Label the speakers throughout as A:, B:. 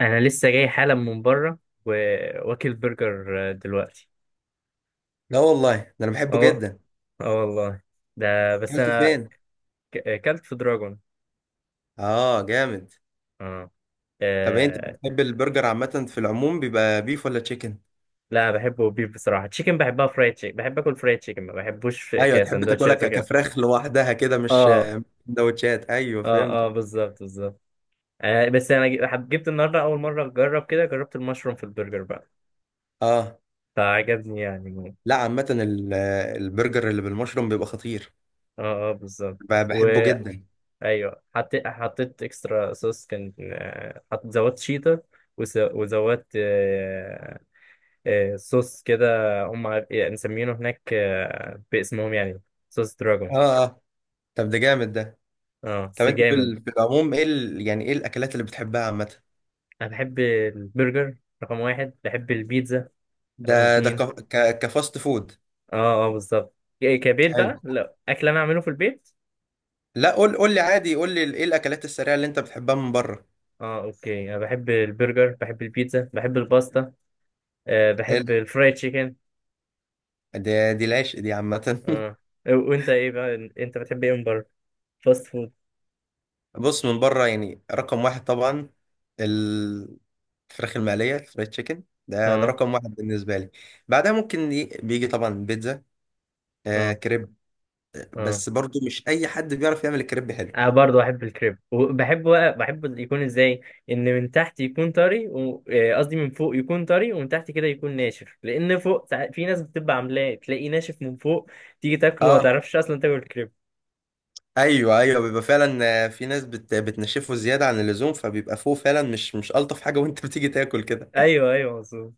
A: انا لسه جاي حالا من بره وواكل برجر دلوقتي.
B: لا والله، ده انا بحبه
A: اه.
B: جدا.
A: اه والله. ده بس
B: اكلته
A: انا
B: فين؟
A: اكلت في دراجون.
B: اه، جامد.
A: اه.
B: طب، انت
A: آه.
B: بتحب البرجر عامه؟ في العموم بيبقى بيف ولا تشيكن؟
A: لا بحبه بيف، بصراحه تشيكن بحبها فرايد تشيكن، بحب اكل فرايد تشيكن ما بحبوش
B: ايوه، تحب تاكلها
A: كسندوتشات وكده.
B: كفراخ لوحدها كده، مش
A: اه
B: سندوتشات. ايوه،
A: اه. اه،
B: فهمتك.
A: بالظبط بالظبط. بس انا جبت النهارده اول مره اجرب كده، جربت المشروم في البرجر بقى.
B: اه.
A: فعجبني يعني.
B: لا، عامه البرجر اللي بالمشروم بيبقى خطير.
A: اه. اه، بالظبط.
B: بحبه جدا.
A: ايوه، حطيت اكسترا صوص، كان زودت شيطه. وزودت صوص كده. يعني مسمينه هناك باسمهم يعني. صوص دراجون.
B: اه اه. طب، ده جامد ده.
A: اه،
B: طب،
A: بس
B: انت في
A: جامد.
B: في العموم، ايه يعني ايه الاكلات اللي بتحبها عامه؟
A: انا بحب البرجر. رقم واحد. بحب البيتزا. رقم
B: ده
A: اتنين.
B: كفاست فود.
A: اه. اه، بالظبط. كبيت
B: حلو.
A: بقى لا، اكل انا اعمله في البيت.
B: لا، قول لي عادي، قول لي ايه الاكلات السريعه اللي انت بتحبها من بره.
A: اه، اوكي. انا بحب البرجر، بحب البيتزا، بحب الباستا. بحب
B: حلو.
A: الفرايد تشيكن.
B: دي العشق دي عامة.
A: اه. وانت ايه بقى، انت بتحب ايه من بره؟ فاست فود.
B: بص، من بره يعني رقم واحد طبعا ال- الفراخ المقلية، الفرايد تشيكن ده،
A: اه.
B: رقم واحد بالنسبة لي. بعدها ممكن بيجي طبعا بيتزا،
A: اه.
B: كريب.
A: اه.
B: بس برضو مش أي حد بيعرف يعمل الكريب حلو.
A: انا برضه بحب الكريب، وبحب بقى بحب يكون ازاي. ان من تحت يكون طري قصدي من فوق يكون طري، ومن تحت كده يكون ناشف. لان فوق في ناس بتبقى عاملاه تلاقيه ناشف من فوق. تيجي تاكله ما
B: اه،
A: تعرفش اصلا تاكل الكريب.
B: ايوه ايوه، بيبقى فعلا. في ناس بتنشفه زيادة عن اللزوم، فبيبقى فوق فعلا مش ألطف حاجة، وانت بتيجي تاكل كده.
A: ايوه. ايوه، مظبوط.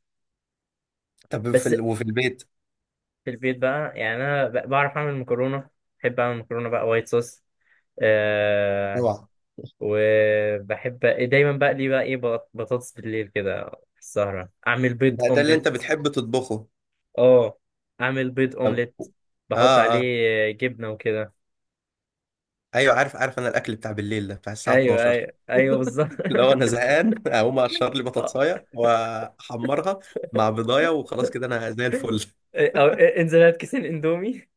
B: طب، في
A: بس.
B: وفي البيت؟
A: في البيت بقى يعني انا بعرف اعمل مكرونه. بحب اعمل مكرونه بقى وايت صوص. أه.
B: اوعى.
A: وبحب. دايما بقى لي بقى ايه بطاطس بالليل كده في السهره، اعمل بيض
B: ده اللي
A: اومليت.
B: انت بتحب تطبخه؟
A: اه. اعمل بيض
B: طب.
A: اومليت. بحط
B: اه
A: عليه
B: اه.
A: جبنه وكده.
B: ايوه، عارف، انا الاكل بتاع بالليل ده بتاع الساعه
A: ايوه.
B: 12.
A: ايوه. ايوه، بالظبط.
B: لو انا زهقان، اقوم اقشر لي
A: آه.
B: بطاطسايه واحمرها مع بضايه، وخلاص كده انا زي الفل.
A: إيه، او إيه، انزل هات كيسين اندومي.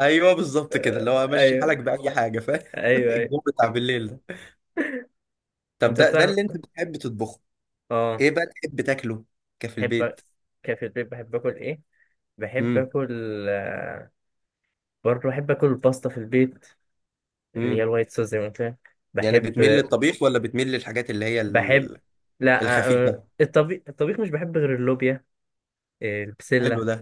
B: ايوه، بالظبط كده، اللي هو
A: آه.
B: امشي حالك
A: ايوه.
B: باي حاجه. فاهم؟
A: ايوه. ايوه.
B: الجو بتاع بالليل ده. طب،
A: انت
B: ده
A: بتعرف.
B: اللي انت بتحب تطبخه؟
A: اه.
B: ايه بقى تحب تاكله كفي
A: بحب.
B: البيت؟
A: كده في البيت بحب اكل ايه؟ بحب
B: امم.
A: اكل. برضه بحب اكل الباستا في البيت. اللي هي
B: امم.
A: الوايت صوص زي ما قلت لك،
B: يعني
A: بحب.
B: بتميل للطبيخ ولا بتميل للحاجات اللي هي
A: بحب. لا،
B: الخفيفه؟
A: الطبيخ مش بحب غير اللوبيا.
B: حلو
A: البسله.
B: ده.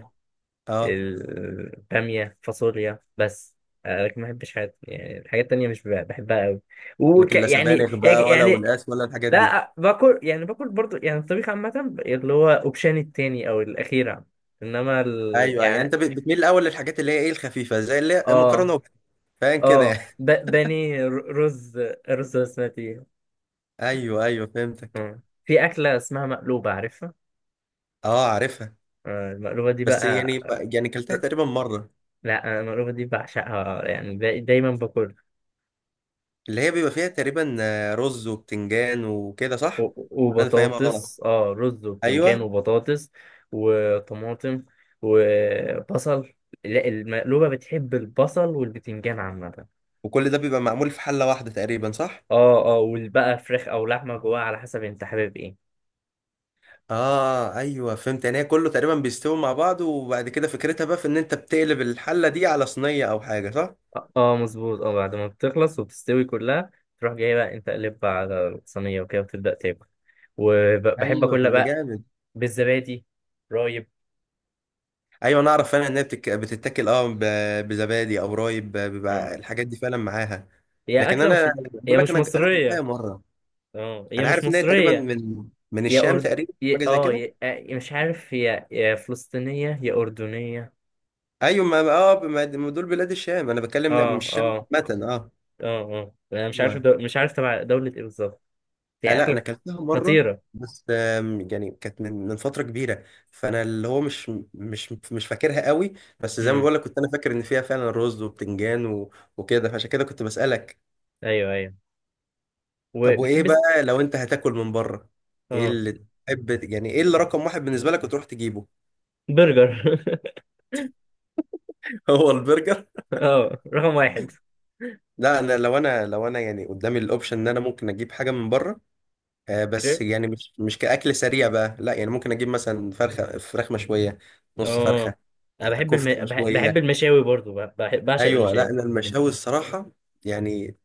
B: اه.
A: البامية، فاصوليا بس. لكن ما بحبش حاجات، يعني الحاجات التانية مش بحبها قوي. وك
B: لكن لا
A: يعني
B: سبانخ
A: يعني
B: بقى، ولا
A: يعني،
B: ونقاس، ولا الحاجات دي؟
A: لا، باكل يعني، باكل برضو يعني الطبيخ عامة اللي هو اوبشن التاني او الاخيرة. انما
B: ايوه، يعني
A: يعني.
B: انت بتميل الاول للحاجات اللي هي ايه، الخفيفه، زي اللي هي المكرونه
A: اه.
B: فاهم كده
A: اه.
B: يعني.
A: بانيه، رز رز بسمتي.
B: ايوه ايوه، فهمتك.
A: آه. في أكلة اسمها مقلوبة، عارفها؟
B: اه، عارفها.
A: المقلوبة دي
B: بس
A: بقى.
B: يعني، يعني كلتها تقريبا مره.
A: لا أنا المقلوبة دي بعشقها، يعني دايما باكلها.
B: اللي هي بيبقى فيها تقريبا، رز وبتنجان وكده، صح؟ ولا انا فاهمها غلط؟
A: وبطاطس، رز وبتنجان
B: ايوه.
A: وبطاطس. وطماطم. وبصل. لا، المقلوبة بتحب البصل والبتنجان عامة.
B: وكل ده بيبقى معمول في حله واحده تقريبا، صح؟
A: اه. اه، والبقى فراخ او لحمة جواها على حسب انت حابب ايه.
B: اه، ايوه، فهمت. يعني هي كله تقريبا بيستوي مع بعض، وبعد كده فكرتها بقى في ان انت بتقلب الحله دي على صينيه او حاجه، صح؟
A: اه. مظبوط. اه بعد ما بتخلص وبتستوي كلها، تروح جاي بقى انت قلبها على الصينية وكده وتبدأ تاكل. وبحب
B: ايوه،
A: اكلها
B: طب ده
A: بقى.
B: جامد.
A: بالزبادي. رايب.
B: ايوه، انا اعرف فعلا ان هي بتتاكل، بزبادي او رايب،
A: اه.
B: بيبقى الحاجات دي فعلا معاها.
A: هي
B: لكن
A: اكلة مش.
B: انا
A: هي
B: بقول لك،
A: مش
B: انا اكلتها
A: مصرية.
B: مره.
A: اه، هي
B: انا
A: مش
B: عارف ان هي تقريبا
A: مصرية.
B: من
A: يا
B: الشام
A: أرد.
B: تقريبا،
A: يا
B: حاجه زي كده.
A: مش عارف، يا فلسطينية يا أردنية.
B: ايوه، ما اه، ما دول بلاد الشام انا بتكلم، لا،
A: اه.
B: مش الشام
A: اه.
B: عامه، اه.
A: اه. اه، انا مش عارف
B: و...
A: مش عارف تبع دولة ايه بالظبط. هي
B: لا، انا
A: أكلة.
B: اكلتها مره،
A: خطيرة.
B: بس يعني كانت من فتره كبيره، فانا اللي هو مش فاكرها قوي. بس زي ما
A: امم.
B: بقول لك، كنت انا فاكر ان فيها فعلا رز وبتنجان وكده، فعشان كده كنت بسالك.
A: ايوه. ايوه.
B: طب، وايه
A: وبتحب.
B: بقى لو انت هتاكل من بره؟ ايه
A: اه.
B: اللي تحب يعني، ايه اللي رقم واحد بالنسبه لك وتروح تجيبه؟
A: برجر.
B: هو البرجر.
A: اه، رقم واحد.
B: لا، انا لو يعني قدامي الاوبشن ان انا ممكن اجيب حاجه من بره، بس
A: كريب.
B: يعني مش كاكل سريع بقى، لا، يعني ممكن اجيب مثلا فراخ مشويه، نص
A: اه،
B: فرخه،
A: انا بحب
B: كفته
A: بحب
B: مشويه.
A: المشاوي برضو، بعشق
B: ايوه، لا،
A: المشاوي.
B: انا المشاوي الصراحه يعني،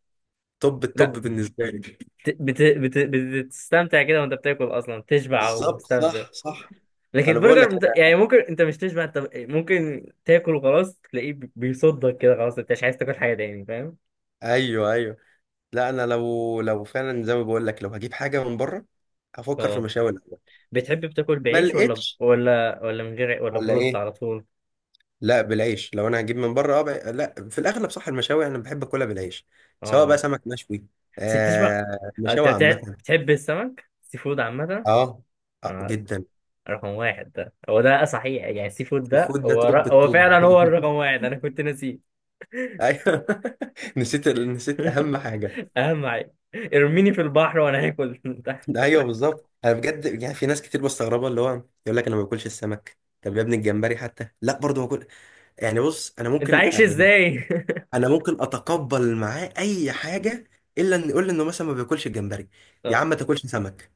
B: توب
A: لا.
B: التوب بالنسبه لي.
A: بت... بت... بت... بتستمتع كده وانت بتاكل، اصلا تشبع
B: بالظبط،
A: ومستمتع.
B: صح صح.
A: لكن
B: انا بقول
A: البرجر
B: لك،
A: يعني ممكن انت مش تشبع. انت ممكن تاكل وخلاص تلاقيه بيصدك كده، خلاص انت مش عايز تاكل حاجه تاني، فاهم؟
B: ايوه ايوه، لا، انا لو فعلا زي ما بقول لك، لو هجيب حاجه من بره، هفكر في
A: اه.
B: مشاوي الاول.
A: بتحب بتاكل
B: ما
A: بعيش ولا
B: لقيتش
A: ولا ولا من غير ولا
B: ولا
A: برز
B: ايه؟
A: على طول؟
B: لا، بالعيش. لو انا هجيب من بره، اه، لا، في الاغلب صح، المشاوي انا بحب اكلها بالعيش، سواء بقى
A: اه،
B: سمك مشوي،
A: بس بتشبع. اه، انت
B: مشاوي عامه.
A: بتحب السمك، سي فود عامه؟
B: اه، اه
A: اه.
B: جدا.
A: رقم واحد، ده هو ده صحيح. يعني السي فود ده
B: الفود ده
A: هو
B: توب التوب.
A: فعلا هو الرقم واحد، انا كنت ناسيه.
B: ايوه. نسيت اهم حاجه.
A: اهم حاجه ارميني في البحر وانا هاكل. انت.
B: ايوه، بالظبط. انا بجد، يعني في ناس كتير مستغربه، اللي هو يقول لك انا ما باكلش السمك، طب يا ابني الجمبري حتى، لا برضه باكل. يعني بص، انا
A: انت
B: ممكن،
A: عايش
B: يعني
A: ازاي؟
B: انا ممكن اتقبل معاه اي حاجه، الا ان يقول لي انه مثلا ما بياكلش الجمبري. يا عم، ما تاكلش سمك،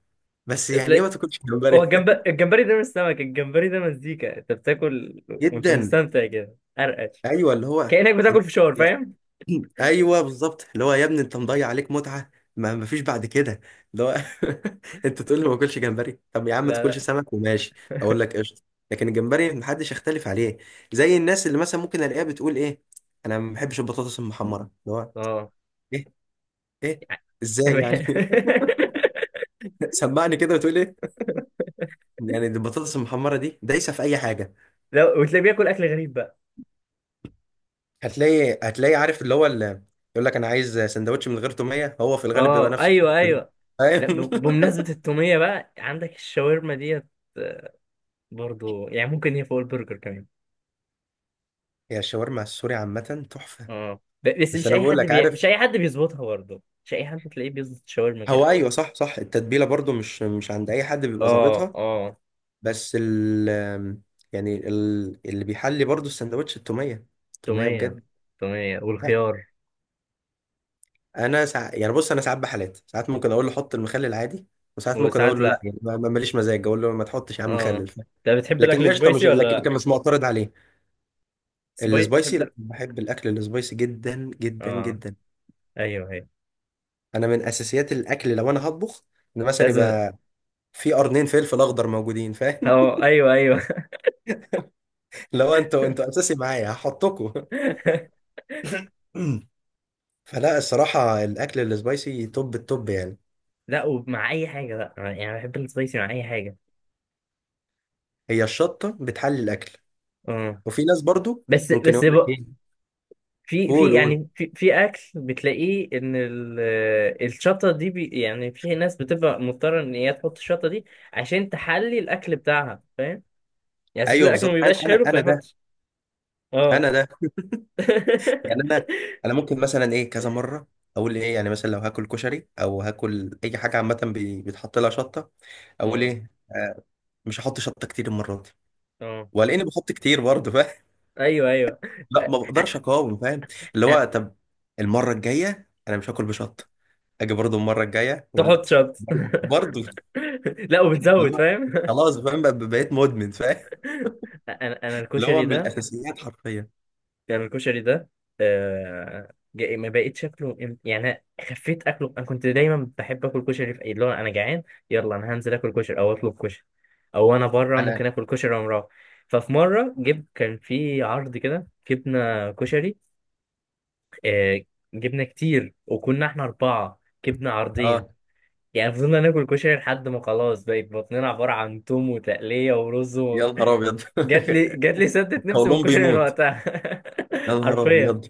B: بس
A: اه.
B: يعني ايه ما تاكلش
A: هو
B: جمبري؟
A: الجمبري ده مش سمك، الجمبري ده مزيكا انت بتاكل. وانت
B: جدا.
A: مستمتع كده، ارقش.
B: ايوه، اللي هو،
A: كأنك بتاكل
B: انت،
A: فشار،
B: يا-
A: فاهم؟
B: ايوه، بالظبط، اللي هو يا ابني انت مضيع عليك متعه. ما فيش بعد كده. اللي هو، انت تقول لي ما اكلش جمبري، طب يا عم ما
A: لا،
B: تاكلش
A: لا.
B: سمك وماشي، اقول لك قشطه. لكن الجمبري محدش يختلف عليه. زي الناس اللي مثلا ممكن الاقيها بتقول ايه، انا ما بحبش البطاطس المحمره. اللي هو
A: اه.
B: ايه؟ ايه؟ ازاي يعني؟ سمعني كده، وتقول ايه؟ يعني دي البطاطس المحمره دي دايسه في اي حاجه.
A: لا، وتلاقيه بياكل اكل غريب بقى.
B: هتلاقي عارف اللي هو، اللي يقول لك انا عايز سندوتش من غير توميه، هو في الغالب بيبقى
A: اه.
B: نفس
A: ايوه.
B: الشخص ده.
A: ايوه. لا،
B: فاهم؟
A: بمناسبة التومية بقى عندك الشاورما ديت. برضو يعني ممكن هي فوق البرجر كمان.
B: هي الشاورما السوري عامه تحفه.
A: اه، بس
B: بس
A: مش
B: انا
A: اي
B: بقول
A: حد
B: لك، عارف،
A: مش اي حد بيظبطها برضو، مش اي حد تلاقيه بيظبط الشاورما
B: هو
A: كده.
B: ايوه، صح صح، التتبيله برضو مش عند اي حد بيبقى
A: اه.
B: ظابطها.
A: اه.
B: بس يعني اللي بيحلي برضو السندوتش، التوميه، التوميه
A: تومية.
B: بجد.
A: تومية
B: لا،
A: والخيار.
B: انا يعني بص، انا ساعات بحالات، ساعات ممكن اقول له حط المخلل عادي، وساعات ممكن اقول
A: وساعات
B: له لا،
A: لا.
B: يعني ماليش مزاج، اقول له ما تحطش يا عم
A: اه.
B: مخلل،
A: ده بتحب
B: لكن
A: الاكل
B: قشطه، مش
A: سبايسي ولا
B: لكن
A: لا؟
B: كان مش معترض عليه. السبايسي؟
A: بتحب
B: لا،
A: ال-
B: بحب الاكل السبايسي جدا جدا
A: اه.
B: جدا.
A: ايوه. ايوه،
B: انا من اساسيات الاكل لو انا هطبخ، ان مثلا
A: لازم.
B: يبقى في قرنين فلفل اخضر موجودين. فاهم؟
A: اه. ايوه. ايوه.
B: لو انتوا اساسي معايا، هحطكوا. فلا، الصراحه، الاكل السبايسي توب التوب يعني.
A: لا، ومع اي حاجه بقى يعني بحب السبايسي مع اي حاجه.
B: هي الشطه بتحلي الاكل.
A: اه.
B: وفي ناس برضو
A: بس
B: ممكن
A: بس
B: يقول لك
A: بقى.
B: ايه،
A: في
B: قول
A: في
B: قول.
A: يعني في اكل بتلاقيه ان. الشطه دي يعني في ناس بتبقى مضطره ان هي تحط الشطه دي عشان تحلي الاكل بتاعها، فاهم؟ يعني ساعات
B: ايوه،
A: الاكل ما
B: بالظبط، انا
A: بيبقاش
B: انا
A: حلو
B: انا ده،
A: فيحط. اه.
B: انا ده، يعني انا، انا ممكن مثلا ايه، كذا مره اقول ايه، يعني مثلا لو هاكل كشري او هاكل اي حاجه عامه بيتحط لها شطه، اقول
A: اه.
B: ايه، مش هحط شطه كتير المره دي،
A: اه.
B: ولاني بحط كتير برضه. فاهم؟
A: ايوه. ايوه.
B: لا، ما بقدرش اقاوم. فاهم؟ اللي هو، طب، المره الجايه انا مش هاكل بشطه، اجي برضه المره الجايه ولا،
A: تحط شط.
B: برضه.
A: لا،
B: اللي
A: وبتزود،
B: هو،
A: فاهم؟
B: خلاص، فاهم؟ بقيت مدمن. فاهم؟
A: انا
B: اللي هو
A: الكشري
B: من
A: ده.
B: الاساسيات حرفيا.
A: انا الكشري ده. ما بقيت شكله. يعني أنا. خفيت اكله، انا كنت دايما بحب اكل كشري في اي، اللي هو انا جعان. يلا، انا هنزل اكل كشري او اطلب كشري. او انا بره
B: انا
A: ممكن اكل كشري وانا مروح. ففي مره جبت، كان في عرض كده، جبنا كشري. آه. جبنا كتير وكنا احنا 4. جبنا عرضين.
B: اه.
A: يعني فضلنا ناكل كشري لحد ما خلاص، بقت بطننا عبارة عن توم وتقلية ورز.
B: يا نهار ابيض.
A: جات لي سدت نفسي من
B: قولون
A: الكشري من
B: بيموت.
A: وقتها.
B: يا نهار
A: حرفيا.
B: ابيض.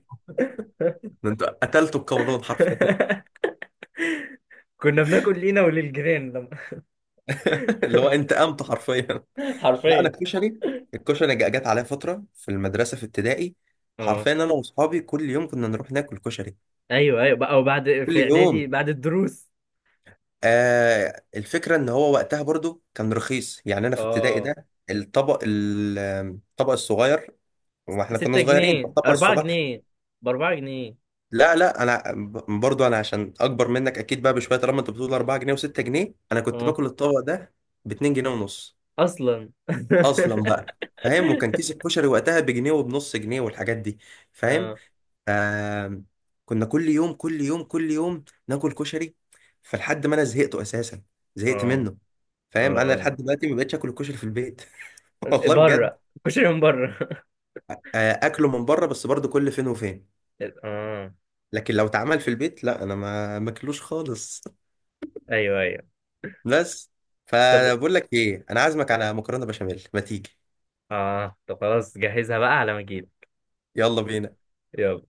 B: ده انت قتلته بقولون حرفيا.
A: كنا بناكل لينا وللجيران لما.
B: اللي هو انت قمت حرفيا. لا، انا
A: حرفيا.
B: الكشري، الكشري جت عليا فتره في المدرسه في ابتدائي،
A: اه.
B: حرفيا انا واصحابي كل يوم كنا نروح ناكل كشري.
A: ايوه. ايوه، بقى وبعد
B: كل
A: في اعدادي
B: يوم.
A: بعد الدروس.
B: الفكره ان هو وقتها برضو كان رخيص، يعني انا في ابتدائي
A: اه،
B: ده الطبق الطبق الصغير، واحنا كنا
A: 6
B: صغيرين،
A: جنيه
B: الطبق
A: 4
B: الصغير.
A: جنيه ب 4 جنيه.
B: لا لا، انا برضو انا عشان اكبر منك اكيد بقى بشويه، طالما انت بتقول 4 جنيه و6 جنيه، انا كنت
A: اه،
B: باكل الطبق ده ب 2 جنيه ونص
A: اصلا.
B: اصلا بقى. فاهم؟ وكان كيس الكشري وقتها بجنيه وبنص جنيه والحاجات دي. فاهم؟
A: اه.
B: آم، كنا كل يوم كل يوم كل يوم ناكل كشري، فلحد ما انا زهقته اساسا، زهقت
A: اه.
B: منه. فاهم؟ انا
A: اه.
B: لحد دلوقتي ما بقتش اكل الكشري في البيت.
A: اه،
B: والله بجد.
A: بره. كشري من بره.
B: اكله من بره بس برضه كل فين وفين،
A: اه.
B: لكن لو اتعمل في البيت، لا، انا ما ماكلوش خالص.
A: ايوه. ايوه.
B: بس.
A: طب.
B: فبقول لك ايه، انا عازمك على مكرونه بشاميل، ما تيجي؟
A: خلاص جهزها بقى على ما اجيلك.
B: يلا بينا.
A: يلا.